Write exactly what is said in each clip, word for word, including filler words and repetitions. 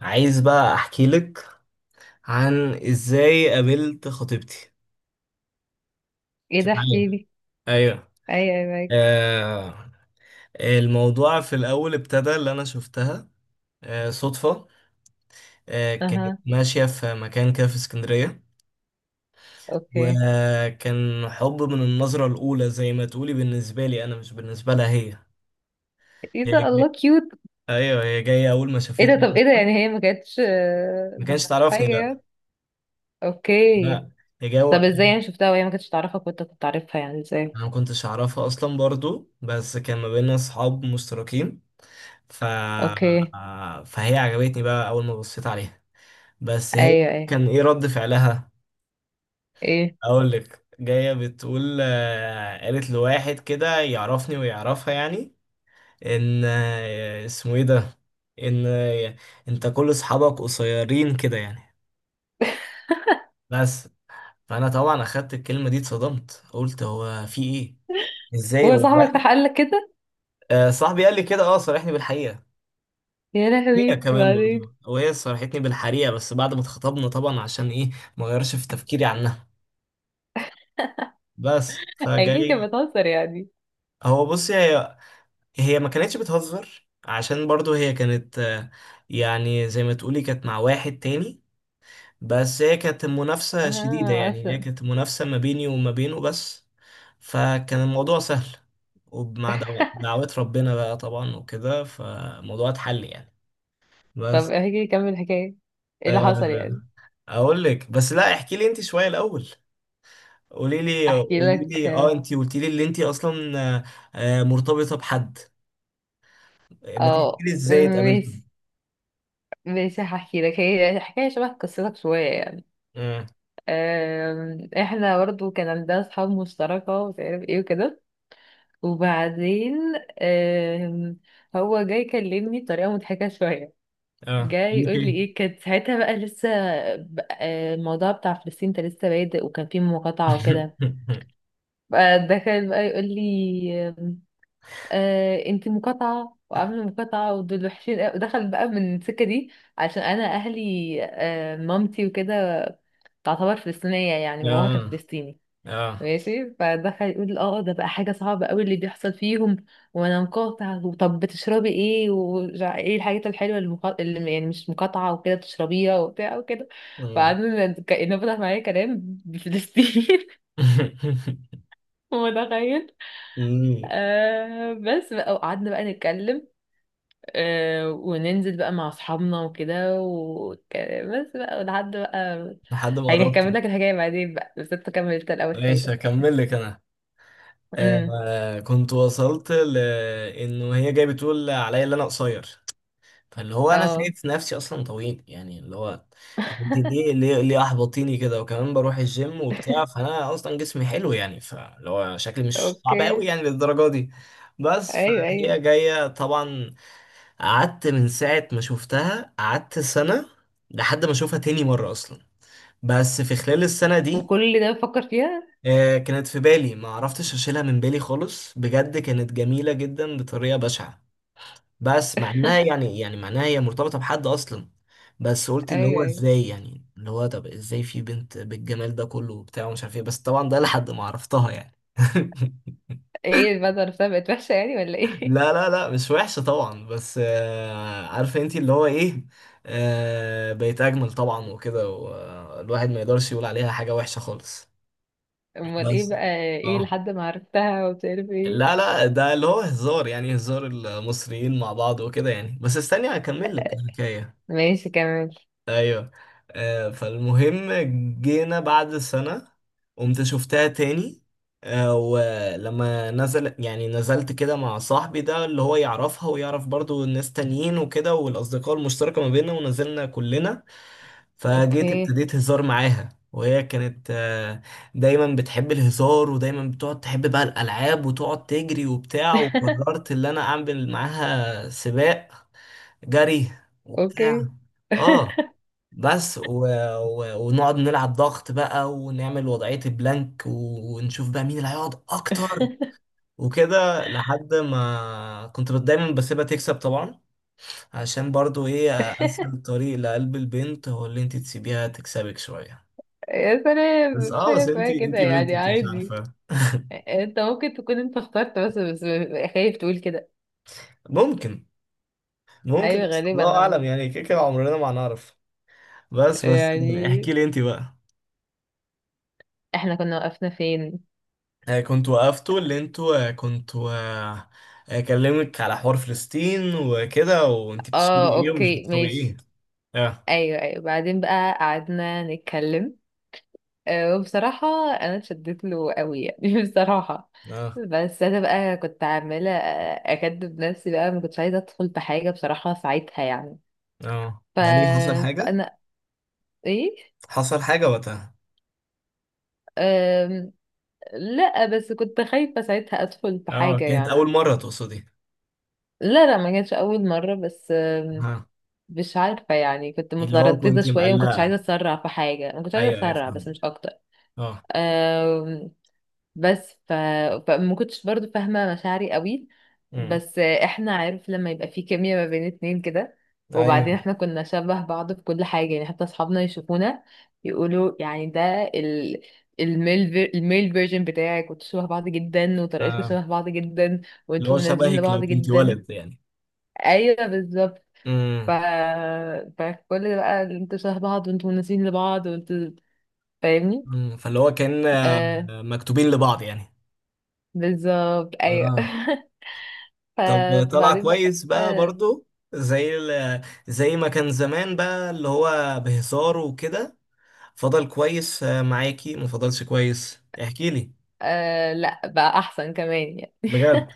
عايز بقى احكي لك عن ازاي قابلت خطيبتي. ايه انت ده، احكي معايا؟ لي. ايوه. ايوه ايوه معاك. آه الموضوع في الاول ابتدى اللي انا شفتها آه صدفة. آه كانت اها. ماشية في مكان كده في اسكندرية، اوكي. وكان حب من النظرة الاولى زي ما تقولي بالنسبة لي انا، مش بالنسبة لها هي. ايه هي ده، الله جاي... كيوت. ايوه هي جاية اول ما ايه ده، شافتني طب ايه ده يعني، هي ما كانتش آه، ما ما كانش كانتش تعرفني، حاجه لا يعني. اوكي. لا. هي جاية طب ازاي يعني، شفتها وهي ما كانتش تعرفك وانت كنت عارفها، يعني ازاي؟ انا ما كنتش اعرفها اصلا برضو، بس كان ما بيننا اصحاب مشتركين. ف... اوكي. فهي عجبتني بقى اول ما بصيت عليها. بس هي ايوه ايوه. كان ايه رد فعلها؟ ايه. اقول لك، جايه بتقول آه، قالت لواحد كده يعرفني ويعرفها يعني، ان آه، اسمه ايه ده، ان آه، انت كل اصحابك قصيرين كده يعني، بس. فانا طبعا اخدت الكلمه دي اتصدمت، قلت هو في ايه، ازاي هو هو صاحبك واحد. راح قال لك كده؟ آه، صاحبي قال لي كده، اه صارحني بالحقيقه. يا هي لهوي، كمان بعدين. برضه، وهي صرحتني بالحقيقة بس بعد ما اتخطبنا طبعا. عشان ايه ما غيرش في تفكيري عنها، بس اكيد كانت فجاي. بتهزر يعني. هو بص، هي هي ما كانتش بتهزر، عشان برضه هي كانت آه، يعني زي ما تقولي كانت مع واحد تاني. بس هي كانت منافسة شديدة، اه يعني هي اصلا. كانت منافسة ما بيني وما بينه بس. فكان الموضوع سهل، ومع دعو- دعوات ربنا بقى طبعا وكده، فالموضوع اتحل يعني. طب بس احكي، كمل الحكايه، ايه اللي آه، حصل يعني. اقول لك، بس لا احكي لي انت شوية الاول. قولي لي احكي قولي لك. لي اه انت قلتي لي اللي انت اصلا آه، آه، مرتبطه بحد، ما تحكي اه لي ازاي اتقابلتوا. ماشي، ماشي هحكي لك، هي حكايه شبه قصتك شويه يعني. اه. آم، احنا برضو كان عندنا اصحاب مشتركة ومش عارف ايه وكده. وبعدين آم، هو جاي يكلمني بطريقة مضحكة شوية. اه جاي قولك يقول لي ايه؟ ايه، كانت ساعتها بقى لسه ب- آه، الموضوع بتاع فلسطين ده لسه بادئ، وكان فيه مقاطعة وكده. بقى دخل بقى يقول لي آم، آه انت مقاطعة وعاملة مقاطعة، ودول وحشين قوي، ودخل بقى من السكة دي. عشان انا اهلي آه، مامتي وكده، تعتبر فلسطينية، يعني باباها كان اه. فلسطيني. اه. ماشي، فدخل يقول اه ده بقى حاجة صعبة قوي اللي بيحصل فيهم. وانا مقاطع، وطب بتشربي ايه، وايه الحاجات الحلوة اللي، مقا... اللي يعني مش مقاطعة وكده بتشربيها وبتاع وكده. مم. فقعدنا ن- كأنه فتح معايا كلام بفلسطين. متخيل. مم. آه بس بقى، وقعدنا بقى نتكلم، آه وننزل بقى مع اصحابنا وكده وك- بس بقى لحد بقى. لحد ما يعني هكمل قربته. لك الحكاية بعدين بقى، بس انت كملت الأول ماشي حكايتك. هكمل لك انا. امم. آه كنت وصلت لانه هي جايه بتقول عليا اللي انا قصير. فاللي هو انا اه شايف نفسي اصلا طويل، يعني اللي هو، طب انت ليه ليه ليه احبطيني كده؟ وكمان بروح الجيم وبتاع، فانا اصلا جسمي حلو يعني، فاللي هو شكلي مش صعب قوي اوكي. يعني للدرجه دي. بس ايوه ايوه. فهي جايه طبعا. قعدت من ساعه ما شفتها، قعدت سنه لحد ما اشوفها تاني مره اصلا. بس في خلال السنه دي، وكل ده بفكر فيها. آه، كانت في بالي، ما عرفتش اشيلها من بالي خالص، بجد كانت جميله جدا بطريقه بشعه. بس مع انها يعني يعني معناها هي مرتبطه بحد اصلا. بس قلت اللي ايوه هو ايوه. ازاي يعني، اللي هو طب ازاي في بنت بالجمال ده كله وبتاع ومش عارف ايه؟ بس طبعا ده لحد ما عرفتها يعني. ايه بقى، ده عرفتها بقت وحشة يعني ولا ايه؟ لا لا لا مش وحشة طبعا، بس آه، عارفة انتي اللي هو ايه، آه، بقت اجمل طبعا وكده، والواحد ما يقدرش يقول عليها حاجة وحشة خالص. امال بس ايه بقى. ايه اه. لحد ما عرفتها ومش عارف لا ايه. لا، ده اللي هو هزار يعني، هزار المصريين مع بعض وكده يعني. بس استني هكمل لك الحكاية. ماشي كمل. ايوه. آه فالمهم، جينا بعد سنة قمت شفتها تاني. آه ولما نزل يعني نزلت كده مع صاحبي ده اللي هو يعرفها ويعرف برضو ناس تانيين وكده، والأصدقاء المشتركة ما بيننا، ونزلنا كلنا. فجيت اوكي. ابتديت هزار معاها، وهي كانت آه، دايما بتحب الهزار، ودايما بتقعد تحب بقى الألعاب وتقعد تجري وبتاع. وقررت اللي أنا أعمل معاها سباق جري وبتاع. اوكي اه. بس و... و... ونقعد نلعب ضغط بقى، ونعمل وضعية البلانك، و... ونشوف بقى مين اللي هيقعد اكتر وكده. لحد ما كنت دايما بسيبها تكسب طبعا، عشان برضو ايه اسهل طريق لقلب البنت هو اللي انت تسيبيها تكسبك شوية. يا سلام، بس مش اه، حاجة بس انت اسمها انت كده بنت يعني، انت مش عادي. عارفه. انت ممكن تكون انت اخترت، بس بس خايف تقول كده. ممكن. ممكن، ايوه بس غالبا الله انا اعلم مت- يعني، كده كده عمرنا ما هنعرف. بس بس يعني. احكي لي انت بقى. احنا كنا وقفنا فين؟ آه، كنت وقفتوا اللي انتوا آه، كنتوا آه، آه، كلمك على حوار فلسطين وكده، وانت بتشربي اه ايه ومش اوكي بتشربي ايه. ماشي. اه. ايوه ايوه بعدين بقى قعدنا نتكلم. آه، وبصراحة أنا اتشدت له قوي يعني بصراحة. اه. بس أنا بقى كنت عمالة أكدب نفسي بقى، ما كنتش عايزة أدخل في حاجة بصراحة ساعتها يعني. اه ف... ده ليه، حصل حاجة؟ فأنا إيه حصل حاجة وقتها؟ أم... لا بس كنت خايفة ساعتها أدخل في اه حاجة كانت أول يعني. مرة تقصدي؟ لا لا ما كانتش أول مرة، بس أم، ها. مش عارفة يعني كنت اللي هو مترددة كنت شوية، ما كنتش عايزة مقلقة. أسرع في حاجة، ما كنتش عايزة أيوه أيوه أسرع، بس فاهم. مش أكتر. اه. بس ف... فما كنتش برضو فاهمة مشاعري قوي. امم. بس احنا عارف لما يبقى في كيمياء ما بين اتنين كده. أيوه. وبعدين احنا كنا شبه بعض في كل حاجة، يعني حتى اصحابنا يشوفونا يقولوا يعني، ده ال... الميل في... الميل فيرجن بتاعك، وانتوا شبه بعض جدا، وطريقتكم اه. شبه بعض جدا، اللي هو وانتوا مناسبين شبهك لو لبعض كنت جدا. ولد يعني. ايوه بالظبط. ف... امم. فكل ده بقى، انتوا شبه بعض وانتوا مناسبين لبعض وانتوا فاهمني. امم فاللي هو كان آه، آه مكتوبين لبعض يعني. بالظبط ايوه اه. ف- طب طلع فبعدين بقى كويس بقى برضو. زي ال- زي ما كان زمان بقى اللي هو بهزار وكده. فضل كويس آه، معاكي ما فضلش كويس احكي لي؟ آه لا بقى احسن كمان يعني بجد؟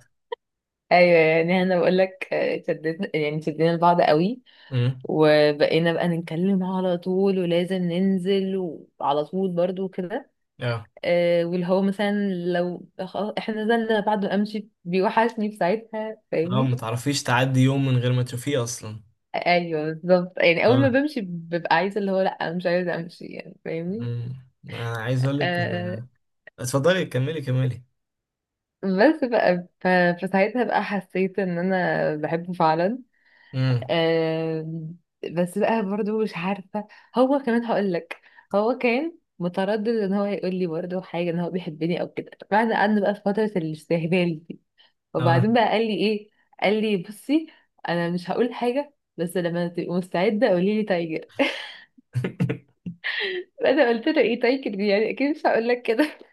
ايوه يعني انا بقول لك آه، شدتنا يعني شدينا لبعض قوي. امم. وبقينا بقى نتكلم على طول، ولازم ننزل، وعلى طول برضو كده. اه. آه واللي هو مثلا، لو خلاص احنا نزلنا بعد ما امشي بيوحشني في ساعتها، اه. فاهمني. ما تعرفيش تعدي يوم من غير ما تشوفيه اصلا. ايوه بالظبط، يعني اول اه. ما بمشي ببقى عايزه اللي هو، لا مش عايزه امشي يعني، فاهمني. امم. انا عايز اقول لك آه إن- اتفضلي كملي كملي بس بقى ف- فساعتها بقى حسيت ان انا بحبه فعلا. امم. آم، بس بقى برضو مش عارفة. هو كمان هقولك، هو كان متردد ان هو يقول لي برضو حاجة ان هو بيحبني او كده، بعد قعدنا بقى في فترة الاستهبال دي. اه. وبعدين بقى قال لي ايه، قال لي بصي. انا مش هقول حاجة، بس لما تبقي مستعدة قولي لي تايجر. انا قلت له ايه تايجر دي، يعني اكيد مش هقول لك كده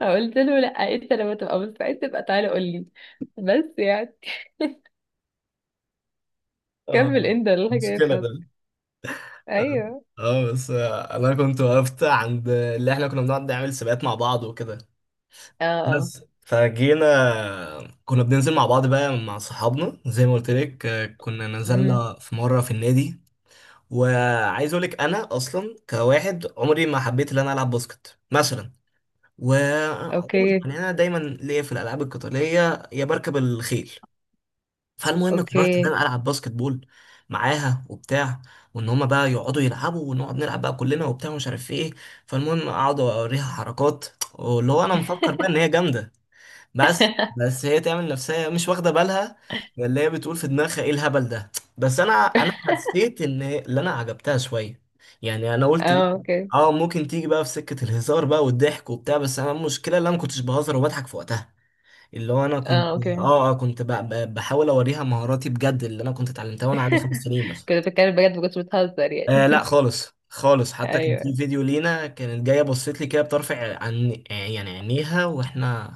فقلت له لا، انت لما تبقى مستعد تبقى تعالى قول لي. بس يعني، كمل اه. انت الحكاية مشكلة ده. بتاعتك. اه. ايوه آه، بس آه، انا كنت وقفت عند اللي احنا كنا بنقعد نعمل سباقات مع بعض وكده. اه آه. بس فجينا كنا بننزل مع بعض بقى مع صحابنا زي ما قلت لك. آه، كنا امم. نزلنا في مرة في النادي. وعايز اقول لك انا اصلا كواحد عمري ما حبيت ان انا العب باسكت مثلا. وعمري اوكي يعني انا دايما ليا في الالعاب القتالية، يا بركب الخيل. فالمهم قررت ان اوكي. انا العب باسكت بول معاها وبتاع، وان هما بقى يقعدوا يلعبوا ونقعد نلعب بقى كلنا وبتاع ومش عارف ايه. فالمهم اقعد اوريها حركات، واللي هو انا مفكر بقى ان هي جامدة. بس بس هي تعمل نفسها مش واخده بالها، اللي هي بتقول في دماغها ايه الهبل ده. بس انا انا حسيت ان اللي انا عجبتها شويه، يعني انا قلت ايه. اه اوكي. اه ممكن تيجي بقى في سكه الهزار بقى والضحك وبتاع، بس انا المشكله اللي انا ما كنتش بهزر وبضحك في وقتها. اللي هو انا كنت اه اوكي. اه آه، كنت ب- ب- بحاول اوريها مهاراتي بجد، اللي انا كنت اتعلمتها وانا عندي خمس سنين مثلا. كنت بتكلم بجد ما كنتش بتهزر آه لا يعني؟ خالص خالص، حتى كان في ايوه فيديو لينا كانت جايه بصيت لي كده بطرف عن يعني عينيها، واحنا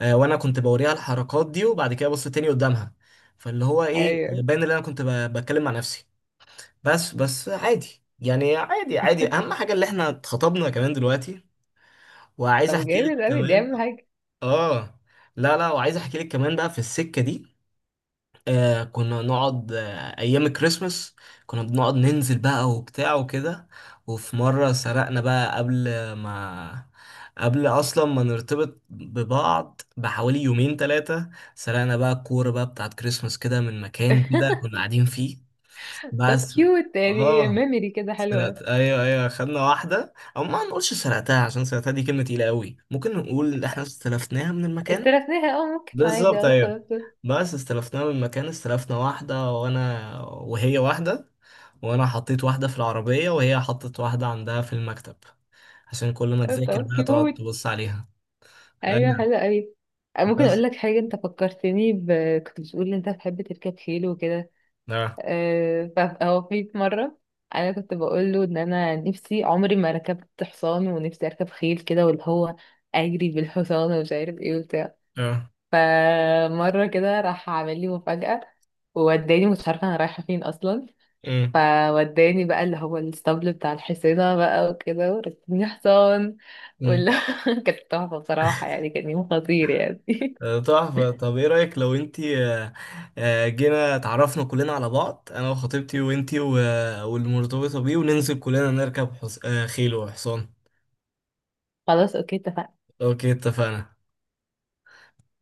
آه، وانا كنت بوريها الحركات دي، وبعد كده ابص تاني قدامها. فاللي هو ايه آه، ايوه. باين ان انا كنت ب- بتكلم مع نفسي. بس بس عادي يعني، عادي عادي، اهم حاجه اللي احنا اتخطبنا كمان دلوقتي. وعايز طب احكي لك جامد قوي دي كمان. اهم حاجه. اه. لا لا، وعايز احكي لك كمان بقى في السكه دي. آه كنا نقعد آه أيام الكريسماس كنا بنقعد ننزل بقى وبتاع وكده. وفي مرة سرقنا بقى قبل ما قبل أصلا ما نرتبط ببعض بحوالي يومين تلاتة، سرقنا بقى الكورة بقى بتاعت كريسماس كده من مكان كده كنا قاعدين فيه. طب بس كيوت يعني، اه، ميموري كده حلوه. سرقت، ايوه ايوه، خدنا واحدة، او ما نقولش سرقتها عشان سرقتها دي كلمة تقيلة قوي، ممكن نقول إن احنا استلفناها من المكان. استلفناها اه ممكن عادي بالظبط اه ايوه. استلفت. بس استلفناها من مكان، استلفنا واحدة، وانا وهي واحدة، وانا حطيت واحدة في العربية، وهي حطت واحدة عندها في المكتب، عشان كل ما آه، تذاكر طب بقى تقعد كيوت، تبص عليها. ايوه ايوه. حلوه قوي. آه، ممكن بس اقول لك حاجه، انت فكرتني ب... كنت بتقول ان انت بتحب تركب خيل وكده. اه. آه، ف- هو في مره انا كنت بقول له ان انا نفسي عمري ما ركبت حصان، ونفسي اركب خيل كده، واللي هو اجري بالحصان ومش عارف ايه وبتاع. اه. فمرة كده راح عامل لي مفاجأة، ووداني مش عارفة أنا رايحة فين أصلا. أمم. فوداني بقى اللي هو الاسطبل بتاع الحصينة بقى وكده، وركبني حصان، أمم. ولا كانت تحفة بصراحة يعني، كان يوم خطير يعني آه، تحفة. طب ايه رأيك لو انتي آه، آه، جينا اتعرفنا كلنا على بعض انا وخطيبتي وانتي و- والمرتبطة بيه، وننزل كلنا نركب حص... آه، خيل وحصان. خلاص اوكي اتفقنا. اوكي اتفقنا.